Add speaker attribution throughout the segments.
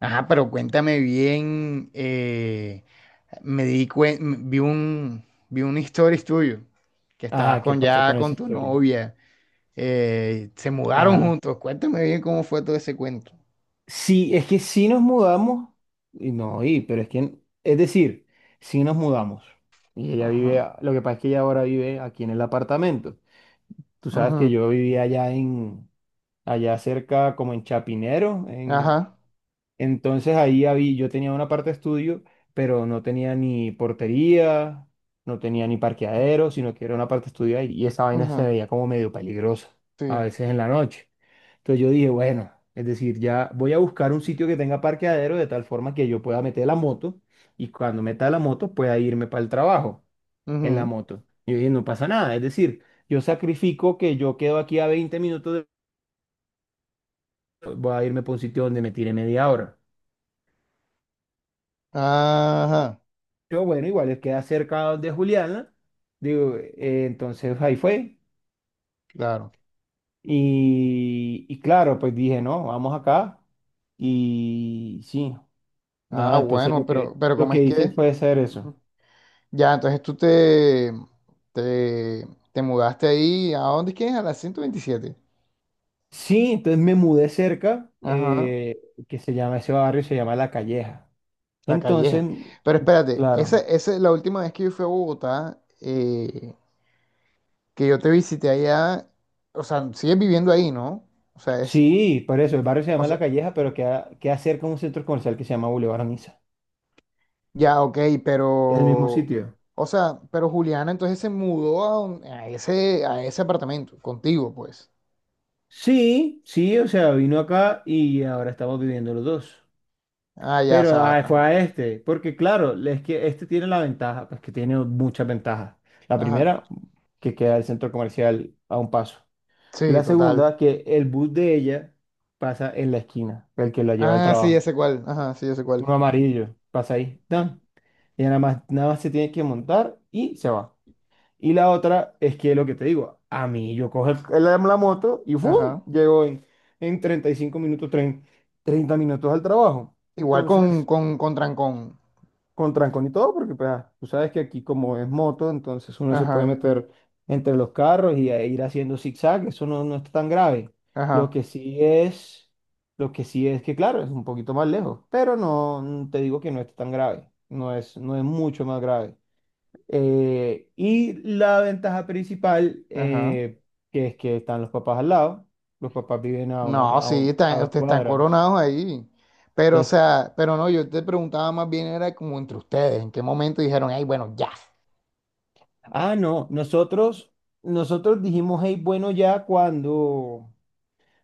Speaker 1: Ajá, pero cuéntame bien, me di cuen- m- vi un stories tuyo, que estabas
Speaker 2: Ajá, ¿qué
Speaker 1: con
Speaker 2: pasó
Speaker 1: ya
Speaker 2: con
Speaker 1: con
Speaker 2: esa
Speaker 1: tu
Speaker 2: historia?
Speaker 1: novia, se mudaron
Speaker 2: Ajá.
Speaker 1: juntos, cuéntame bien cómo fue todo ese cuento.
Speaker 2: Sí, es que sí nos mudamos, y no, pero es que, es decir, sí nos mudamos. Y ella
Speaker 1: Ajá,
Speaker 2: vive, lo que pasa es que ella ahora vive aquí en el apartamento. Tú sabes que
Speaker 1: ajá,
Speaker 2: yo vivía allá cerca, como en Chapinero,
Speaker 1: ajá,
Speaker 2: entonces ahí había, yo tenía una parte de estudio, pero no tenía ni portería, no tenía ni parqueadero, sino que era una parte de estudio ahí, y esa vaina se
Speaker 1: ajá,
Speaker 2: veía como medio peligrosa, a
Speaker 1: sí,
Speaker 2: veces en la noche. Entonces yo dije, bueno, es decir, ya voy a buscar un sitio que tenga parqueadero de tal forma que yo pueda meter la moto y cuando meta la moto pueda irme para el trabajo en la
Speaker 1: ajá,
Speaker 2: moto. Y yo dije, no pasa nada, es decir, yo sacrifico que yo quedo aquí a 20 minutos, voy a irme para un sitio donde me tire media hora.
Speaker 1: ajá,
Speaker 2: Yo, bueno, igual es queda cerca de Juliana, digo, entonces ahí fue.
Speaker 1: claro.
Speaker 2: Y claro, pues dije, no, vamos acá. Y sí,
Speaker 1: Ah,
Speaker 2: nada, entonces
Speaker 1: bueno, pero
Speaker 2: lo
Speaker 1: ¿cómo es
Speaker 2: que hice
Speaker 1: que?
Speaker 2: fue hacer eso.
Speaker 1: Ujú. Ya, entonces tú te, te, te, mudaste ahí, ¿a dónde es que es? A la 127.
Speaker 2: Sí, entonces me mudé cerca,
Speaker 1: Ajá,
Speaker 2: que se llama, ese barrio se llama La Calleja.
Speaker 1: La
Speaker 2: Entonces,
Speaker 1: Calleja. Pero espérate, esa,
Speaker 2: claro,
Speaker 1: esa es la última vez que yo fui a Bogotá, que yo te visité allá. O sea, sigues viviendo ahí, ¿no? O sea, es.
Speaker 2: sí, por eso, el barrio se
Speaker 1: O
Speaker 2: llama La
Speaker 1: sea,
Speaker 2: Calleja, pero queda, cerca de un centro comercial que se llama Boulevard Niza.
Speaker 1: ya, ok,
Speaker 2: ¿Es el mismo
Speaker 1: pero.
Speaker 2: sitio?
Speaker 1: O sea, pero Juliana entonces se mudó a ese apartamento, contigo, pues.
Speaker 2: Sí, sí, o sea, vino acá y ahora estamos viviendo los dos.
Speaker 1: Ah, ya, o
Speaker 2: Pero
Speaker 1: sea.
Speaker 2: ah,
Speaker 1: Ajá.
Speaker 2: fue a este, porque claro, es que este tiene la ventaja, pues que tiene muchas ventajas. La
Speaker 1: Ajá.
Speaker 2: primera, que queda el centro comercial a un paso.
Speaker 1: Sí,
Speaker 2: La
Speaker 1: total.
Speaker 2: segunda, que el bus de ella pasa en la esquina, el que la lleva al
Speaker 1: Ah, sí,
Speaker 2: trabajo.
Speaker 1: ese cual. Ajá, sí, ese cual.
Speaker 2: Uno amarillo, pasa ahí. ¡Tan! Ella nada más, nada más se tiene que montar y se va. Y la otra es que lo que te digo, a mí yo cojo la moto y ¡fum!
Speaker 1: Ajá.
Speaker 2: Llego en 35 minutos, 30 minutos al trabajo.
Speaker 1: Igual
Speaker 2: Entonces,
Speaker 1: con trancón.
Speaker 2: con trancón y todo, porque pues, ah, tú sabes que aquí como es moto, entonces uno se puede
Speaker 1: Ajá,
Speaker 2: meter entre los carros y a ir haciendo zigzag, eso no, no está tan grave. Lo
Speaker 1: ajá,
Speaker 2: que sí es, lo que sí es que claro, es un poquito más lejos, pero no te digo que no está tan grave, no es, mucho más grave. Y la ventaja principal,
Speaker 1: ajá.
Speaker 2: que es que están los papás al lado, los papás viven a, una,
Speaker 1: No,
Speaker 2: a,
Speaker 1: sí,
Speaker 2: un- a
Speaker 1: están,
Speaker 2: dos
Speaker 1: ustedes están
Speaker 2: cuadras.
Speaker 1: coronados ahí. Pero, o
Speaker 2: Entonces,
Speaker 1: sea, pero no, yo te preguntaba más bien, era como entre ustedes, en qué momento dijeron, ay, bueno, ya.
Speaker 2: ah, no, nosotros dijimos, hey, bueno, ya cuando...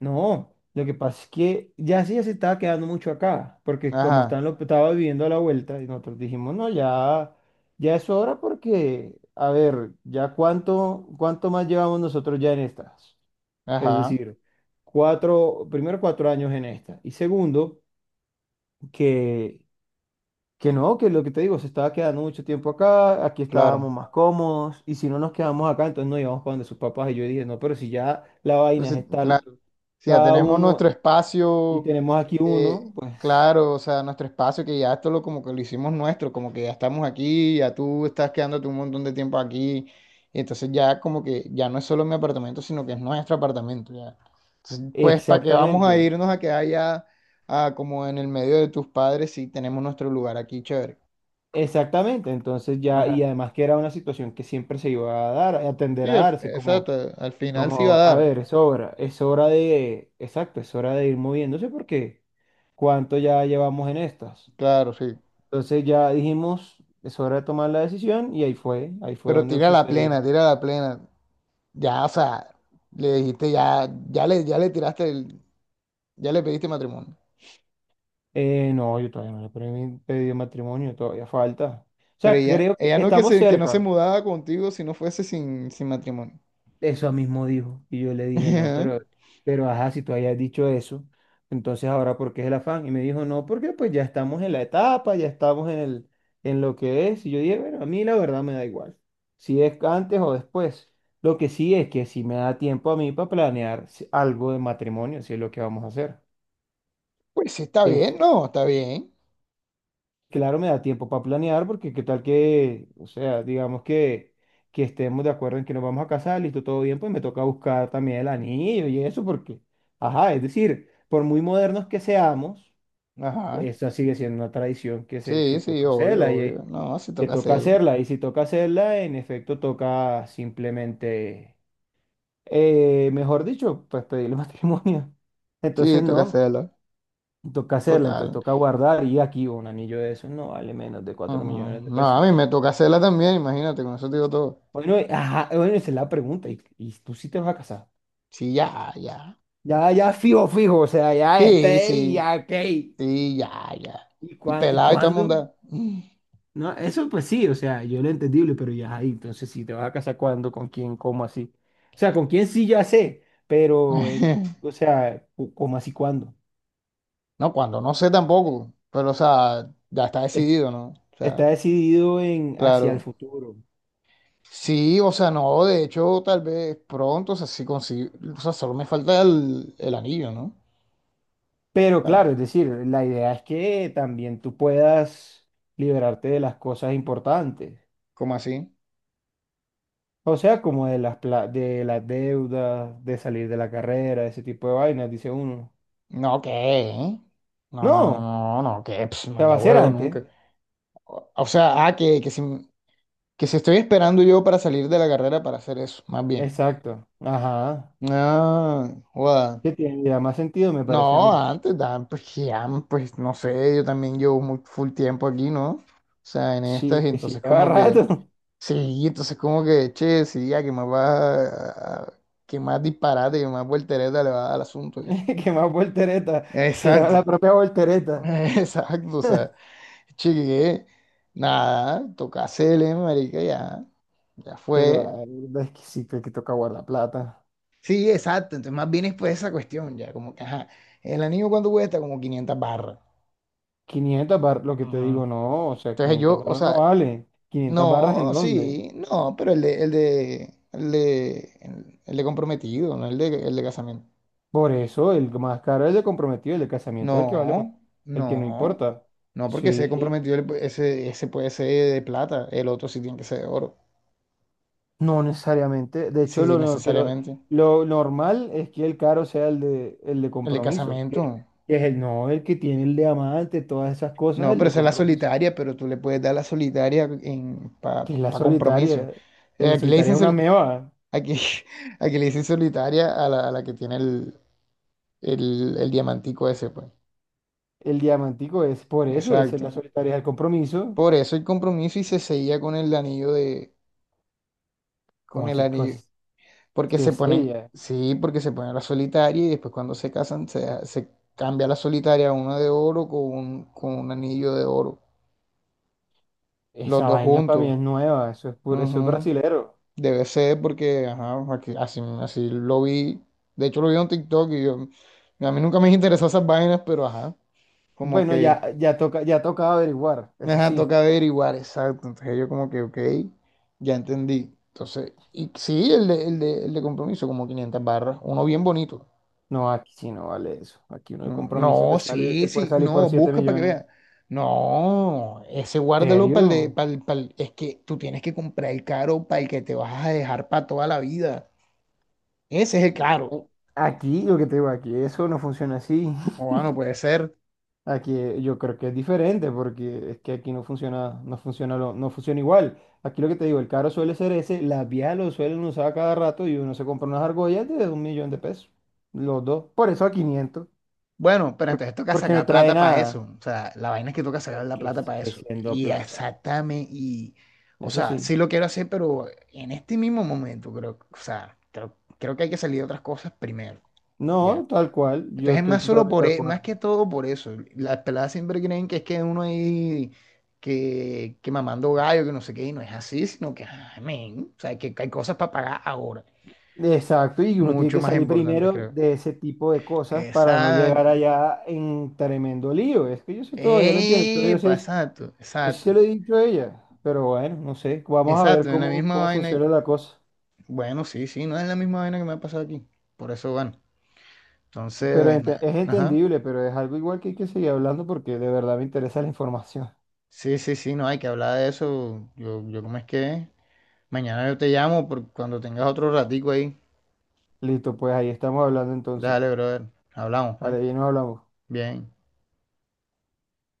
Speaker 2: No, lo que pasa es que ya sí ya se estaba quedando mucho acá, porque como
Speaker 1: Ajá,
Speaker 2: estaba viviendo a la vuelta, y nosotros dijimos, no, ya, ya es hora porque, a ver, ya cuánto, cuánto más llevamos nosotros ya en estas. Es
Speaker 1: ajá,
Speaker 2: decir, primero 4 años en esta, y segundo, que... Que no, que lo que te digo, se estaba quedando mucho tiempo acá, aquí estábamos
Speaker 1: claro.
Speaker 2: más cómodos, y si no nos quedamos acá, entonces nos íbamos para donde sus papás. Y yo dije, no, pero si ya la vaina es
Speaker 1: Entonces,
Speaker 2: estar
Speaker 1: claro, si ya
Speaker 2: cada
Speaker 1: tenemos nuestro
Speaker 2: uno y
Speaker 1: espacio,
Speaker 2: tenemos aquí
Speaker 1: eh,
Speaker 2: uno, pues
Speaker 1: claro, o sea, nuestro espacio que ya esto lo como que lo hicimos nuestro, como que ya estamos aquí, ya tú estás quedándote un montón de tiempo aquí, y entonces ya como que ya no es solo mi apartamento, sino que es nuestro apartamento ya. Entonces, pues, ¿para qué vamos a
Speaker 2: exactamente,
Speaker 1: irnos a quedar ya como en el medio de tus padres si tenemos nuestro lugar aquí, chévere?
Speaker 2: exactamente. Entonces ya, y
Speaker 1: Ajá.
Speaker 2: además que era una situación que siempre se iba a dar, a tender
Speaker 1: Sí,
Speaker 2: a darse, como,
Speaker 1: exacto, al final sí va
Speaker 2: como, a
Speaker 1: a dar,
Speaker 2: ver, es hora de, exacto, es hora de ir moviéndose porque cuánto ya llevamos en estas.
Speaker 1: claro, sí.
Speaker 2: Entonces ya dijimos, es hora de tomar la decisión y ahí fue
Speaker 1: Pero
Speaker 2: donde
Speaker 1: tira la
Speaker 2: sucedió.
Speaker 1: plena, tira la plena. Ya, o sea, le dijiste, ya le pediste matrimonio.
Speaker 2: No, yo todavía no le he pedido matrimonio, todavía falta. O
Speaker 1: Pero
Speaker 2: sea,
Speaker 1: ella,
Speaker 2: creo que
Speaker 1: ella no que
Speaker 2: estamos
Speaker 1: se, que no se
Speaker 2: cerca.
Speaker 1: mudaba contigo si no fuese sin matrimonio.
Speaker 2: Eso mismo dijo. Y yo le dije, no,
Speaker 1: Ajá.
Speaker 2: pero ajá, si tú hayas dicho eso, entonces ahora ¿por qué es el afán? Y me dijo, no, porque pues ya estamos en la etapa, ya estamos en lo que es. Y yo dije, bueno, a mí la verdad me da igual, si es antes o después. Lo que sí es que si me da tiempo a mí para planear algo de matrimonio, si es lo que vamos a hacer.
Speaker 1: Pues sí, está
Speaker 2: Que
Speaker 1: bien,
Speaker 2: es
Speaker 1: no, está bien.
Speaker 2: Claro, me da tiempo para planear porque qué tal que, o sea, digamos que estemos de acuerdo en que nos vamos a casar, listo, todo bien, pues me toca buscar también el anillo y eso porque, ajá, es decir, por muy modernos que seamos,
Speaker 1: Ajá.
Speaker 2: esa sigue siendo una tradición que
Speaker 1: Sí, sí,
Speaker 2: toca
Speaker 1: obvio,
Speaker 2: hacerla y eh,
Speaker 1: obvio. No, sí
Speaker 2: que
Speaker 1: toca
Speaker 2: toca
Speaker 1: hacerla.
Speaker 2: hacerla y si toca hacerla, en efecto toca simplemente, mejor dicho, pues pedirle matrimonio. Entonces,
Speaker 1: Sí, toca
Speaker 2: no.
Speaker 1: hacerla.
Speaker 2: Toca hacerla, entonces
Speaker 1: Total.
Speaker 2: toca guardar y aquí un anillo de eso no vale menos de
Speaker 1: Ajá.
Speaker 2: 4 millones de
Speaker 1: No, a mí
Speaker 2: pesos.
Speaker 1: me toca hacerla también, imagínate, con eso te digo todo.
Speaker 2: Bueno, ajá, bueno, esa es la pregunta. Y tú sí te vas a casar.
Speaker 1: Sí, ya, ya,
Speaker 2: Ya,
Speaker 1: ya.
Speaker 2: ya fijo, fijo, o sea, ya
Speaker 1: Sí,
Speaker 2: esté y
Speaker 1: sí,
Speaker 2: ya, ok.
Speaker 1: sí, ya, ya.
Speaker 2: ¿Y,
Speaker 1: Y
Speaker 2: cuán- y
Speaker 1: pelado y toda
Speaker 2: cuándo?
Speaker 1: monda.
Speaker 2: No, eso pues sí, o sea, yo lo entendible, pero ya ahí, entonces si te vas a casar cuándo, con quién, cómo así. O sea, con quién sí ya sé, pero, o sea, cómo así, cuándo.
Speaker 1: No, cuando no sé tampoco, pero o sea, ya está
Speaker 2: Es-
Speaker 1: decidido, ¿no? O
Speaker 2: Está
Speaker 1: sea,
Speaker 2: decidido en hacia el
Speaker 1: claro.
Speaker 2: futuro.
Speaker 1: Sí, o sea, no, de hecho, tal vez pronto, o sea, sí consigo, o sea, solo me falta el anillo, ¿no?
Speaker 2: Pero
Speaker 1: O
Speaker 2: claro, es
Speaker 1: sea,
Speaker 2: decir, la idea es que también tú puedas liberarte de las cosas importantes.
Speaker 1: ¿cómo así?
Speaker 2: O sea, como de de las deudas, de salir de la carrera, ese tipo de vainas, dice uno.
Speaker 1: No, ¿qué? ¿Eh? No,
Speaker 2: No,
Speaker 1: no, no,
Speaker 2: o
Speaker 1: no, no, ¿qué? Pss,
Speaker 2: sea, va
Speaker 1: manda
Speaker 2: a ser
Speaker 1: huevo
Speaker 2: antes.
Speaker 1: nunca. O sea, ah, que si estoy esperando yo para salir de la carrera para hacer eso, más bien.
Speaker 2: Exacto. Ajá.
Speaker 1: Ah, guau.
Speaker 2: Que tiene ya más sentido, me parece a
Speaker 1: No,
Speaker 2: mí.
Speaker 1: antes, dan, pues, ya, pues no sé, yo también llevo muy full tiempo aquí, ¿no? O sea, en estas,
Speaker 2: Sí,
Speaker 1: y
Speaker 2: que sí,
Speaker 1: entonces
Speaker 2: lleva
Speaker 1: como que,
Speaker 2: rato.
Speaker 1: sí, entonces como que, che, sí, ya que más va, que más disparate, que más voltereta le va a dar al asunto, ya.
Speaker 2: Que más voltereta. Se llama la
Speaker 1: Exacto,
Speaker 2: propia voltereta.
Speaker 1: exacto, o sea, che, que, nada, toca hacerle, marica, ya, ya
Speaker 2: Pero
Speaker 1: fue.
Speaker 2: ay, es que sí, que toca guardar plata.
Speaker 1: Sí, exacto, entonces más bien es pues esa cuestión, ya, como que, ajá, el anillo cuánto cuesta, como 500 barras.
Speaker 2: 500 barras, lo que te digo,
Speaker 1: Ujú.
Speaker 2: no, o sea,
Speaker 1: Entonces
Speaker 2: 500
Speaker 1: yo, o
Speaker 2: barras no
Speaker 1: sea,
Speaker 2: vale. ¿500 barras en
Speaker 1: no,
Speaker 2: dónde?
Speaker 1: sí, no, pero el de comprometido, no el de casamiento.
Speaker 2: Por eso el más caro es el comprometido, el de casamiento es el que vale,
Speaker 1: No,
Speaker 2: el que no
Speaker 1: no,
Speaker 2: importa.
Speaker 1: no, porque ese
Speaker 2: Sí,
Speaker 1: comprometido, ese puede ser de plata, el otro sí tiene que ser de oro.
Speaker 2: no necesariamente. De
Speaker 1: Sí,
Speaker 2: hecho,
Speaker 1: sí,
Speaker 2: lo, no- que
Speaker 1: necesariamente.
Speaker 2: lo normal es que el caro sea el de
Speaker 1: El de
Speaker 2: compromiso, que,
Speaker 1: casamiento,
Speaker 2: que es el no, el que tiene el diamante todas esas cosas,
Speaker 1: no,
Speaker 2: el
Speaker 1: pero
Speaker 2: de
Speaker 1: esa es la
Speaker 2: compromiso,
Speaker 1: solitaria, pero tú le puedes dar la solitaria en,
Speaker 2: que
Speaker 1: pa,
Speaker 2: es la
Speaker 1: pa compromiso.
Speaker 2: solitaria. En la
Speaker 1: Aquí le
Speaker 2: solitaria
Speaker 1: dicen,
Speaker 2: es una meba.
Speaker 1: aquí, aquí le dicen solitaria a la que tiene el, el diamantico ese, pues.
Speaker 2: El diamantico es por eso, esa es la
Speaker 1: Exacto.
Speaker 2: solitaria, es el compromiso.
Speaker 1: Por eso el compromiso y se seguía con el anillo de, con
Speaker 2: ¿Cómo
Speaker 1: el
Speaker 2: así?
Speaker 1: anillo, porque
Speaker 2: Sí,
Speaker 1: se
Speaker 2: sí,
Speaker 1: ponen,
Speaker 2: ya.
Speaker 1: sí, porque se ponen la solitaria y después cuando se casan se, se cambia la solitaria a una de oro con un anillo de oro, los
Speaker 2: Esa
Speaker 1: dos
Speaker 2: vaina para mí
Speaker 1: juntos.
Speaker 2: es nueva, eso es puro, eso es
Speaker 1: Ujú.
Speaker 2: brasilero.
Speaker 1: Debe ser porque, ajá, aquí- así, así lo vi, de hecho lo vi en un TikTok y yo, a mí nunca me interesó esas vainas, pero ajá, como
Speaker 2: Bueno,
Speaker 1: que...
Speaker 2: ya, ya toca averiguar, eso
Speaker 1: Ajá,
Speaker 2: sí.
Speaker 1: toca averiguar, exacto. Entonces yo como que, ok, ya entendí. Entonces, y sí, el de compromiso, como 500 barras, uno bien bonito.
Speaker 2: No, aquí sí no vale eso. Aquí uno de
Speaker 1: Mm,
Speaker 2: compromiso
Speaker 1: no, sí,
Speaker 2: te puede
Speaker 1: sí,
Speaker 2: salir por
Speaker 1: no,
Speaker 2: 7
Speaker 1: busca para que
Speaker 2: millones.
Speaker 1: vea. No, ese guárdalo para el de,
Speaker 2: ¿Serio?
Speaker 1: pa'l- pa'l- es que tú tienes que comprar el caro para el que te vas a dejar para toda la vida. Ese es el caro.
Speaker 2: Eh, Aquí, lo que te digo, aquí eso no funciona así.
Speaker 1: O no puede ser.
Speaker 2: Aquí yo creo que es diferente porque es que aquí no funciona igual. Aquí lo que te digo, el carro suele ser ese, la vía lo suelen usar cada rato y uno se compra unas argollas de 1 millón de pesos. Los dos. Por eso a 500.
Speaker 1: Bueno, pero entonces toca
Speaker 2: Porque no
Speaker 1: sacar
Speaker 2: trae
Speaker 1: plata para
Speaker 2: nada,
Speaker 1: eso. O sea, la vaina es que toca sacar
Speaker 2: es
Speaker 1: la
Speaker 2: que
Speaker 1: plata para
Speaker 2: sigue
Speaker 1: eso.
Speaker 2: siendo
Speaker 1: Y
Speaker 2: plata.
Speaker 1: exactamente, y, o
Speaker 2: Eso
Speaker 1: sea,
Speaker 2: sí.
Speaker 1: sí lo quiero hacer, pero en este mismo momento, creo, o sea, creo que hay que salir de otras cosas primero, ya.
Speaker 2: No, tal cual, yo
Speaker 1: Entonces es
Speaker 2: estoy
Speaker 1: más solo
Speaker 2: totalmente
Speaker 1: por,
Speaker 2: de
Speaker 1: más
Speaker 2: acuerdo.
Speaker 1: que todo por eso. Las peladas siempre creen que es que uno ahí, que mamando gallo, que no sé qué, y no es así, sino que, ah, men, o sea, que hay cosas para pagar ahora.
Speaker 2: Exacto, y uno tiene
Speaker 1: Mucho
Speaker 2: que
Speaker 1: más
Speaker 2: salir
Speaker 1: importantes,
Speaker 2: primero
Speaker 1: creo.
Speaker 2: de ese tipo de cosas para no llegar
Speaker 1: Exacto.
Speaker 2: allá en tremendo lío. Es que yo sé todo, yo lo entiendo, pero
Speaker 1: Epa, exacto,
Speaker 2: yo sí
Speaker 1: exacto,
Speaker 2: se lo he dicho a ella, pero bueno, no sé, vamos a ver
Speaker 1: exacto, en la
Speaker 2: cómo,
Speaker 1: misma
Speaker 2: cómo
Speaker 1: vaina.
Speaker 2: funciona la cosa.
Speaker 1: Bueno, sí, sí, no es la misma vaina que me ha pasado aquí. Por eso, bueno,
Speaker 2: Pero
Speaker 1: entonces, nada,
Speaker 2: es
Speaker 1: ajá.
Speaker 2: entendible, pero es algo igual que hay que seguir hablando porque de verdad me interesa la información.
Speaker 1: Sí, sí, sí, no hay que hablar de eso. Yo, ¿cómo es que? Es? Mañana yo te llamo por cuando tengas otro ratico ahí.
Speaker 2: Listo, pues ahí estamos hablando entonces.
Speaker 1: Dale, brother. Hablamos, pues.
Speaker 2: Vale, ahí nos hablamos.
Speaker 1: Bien.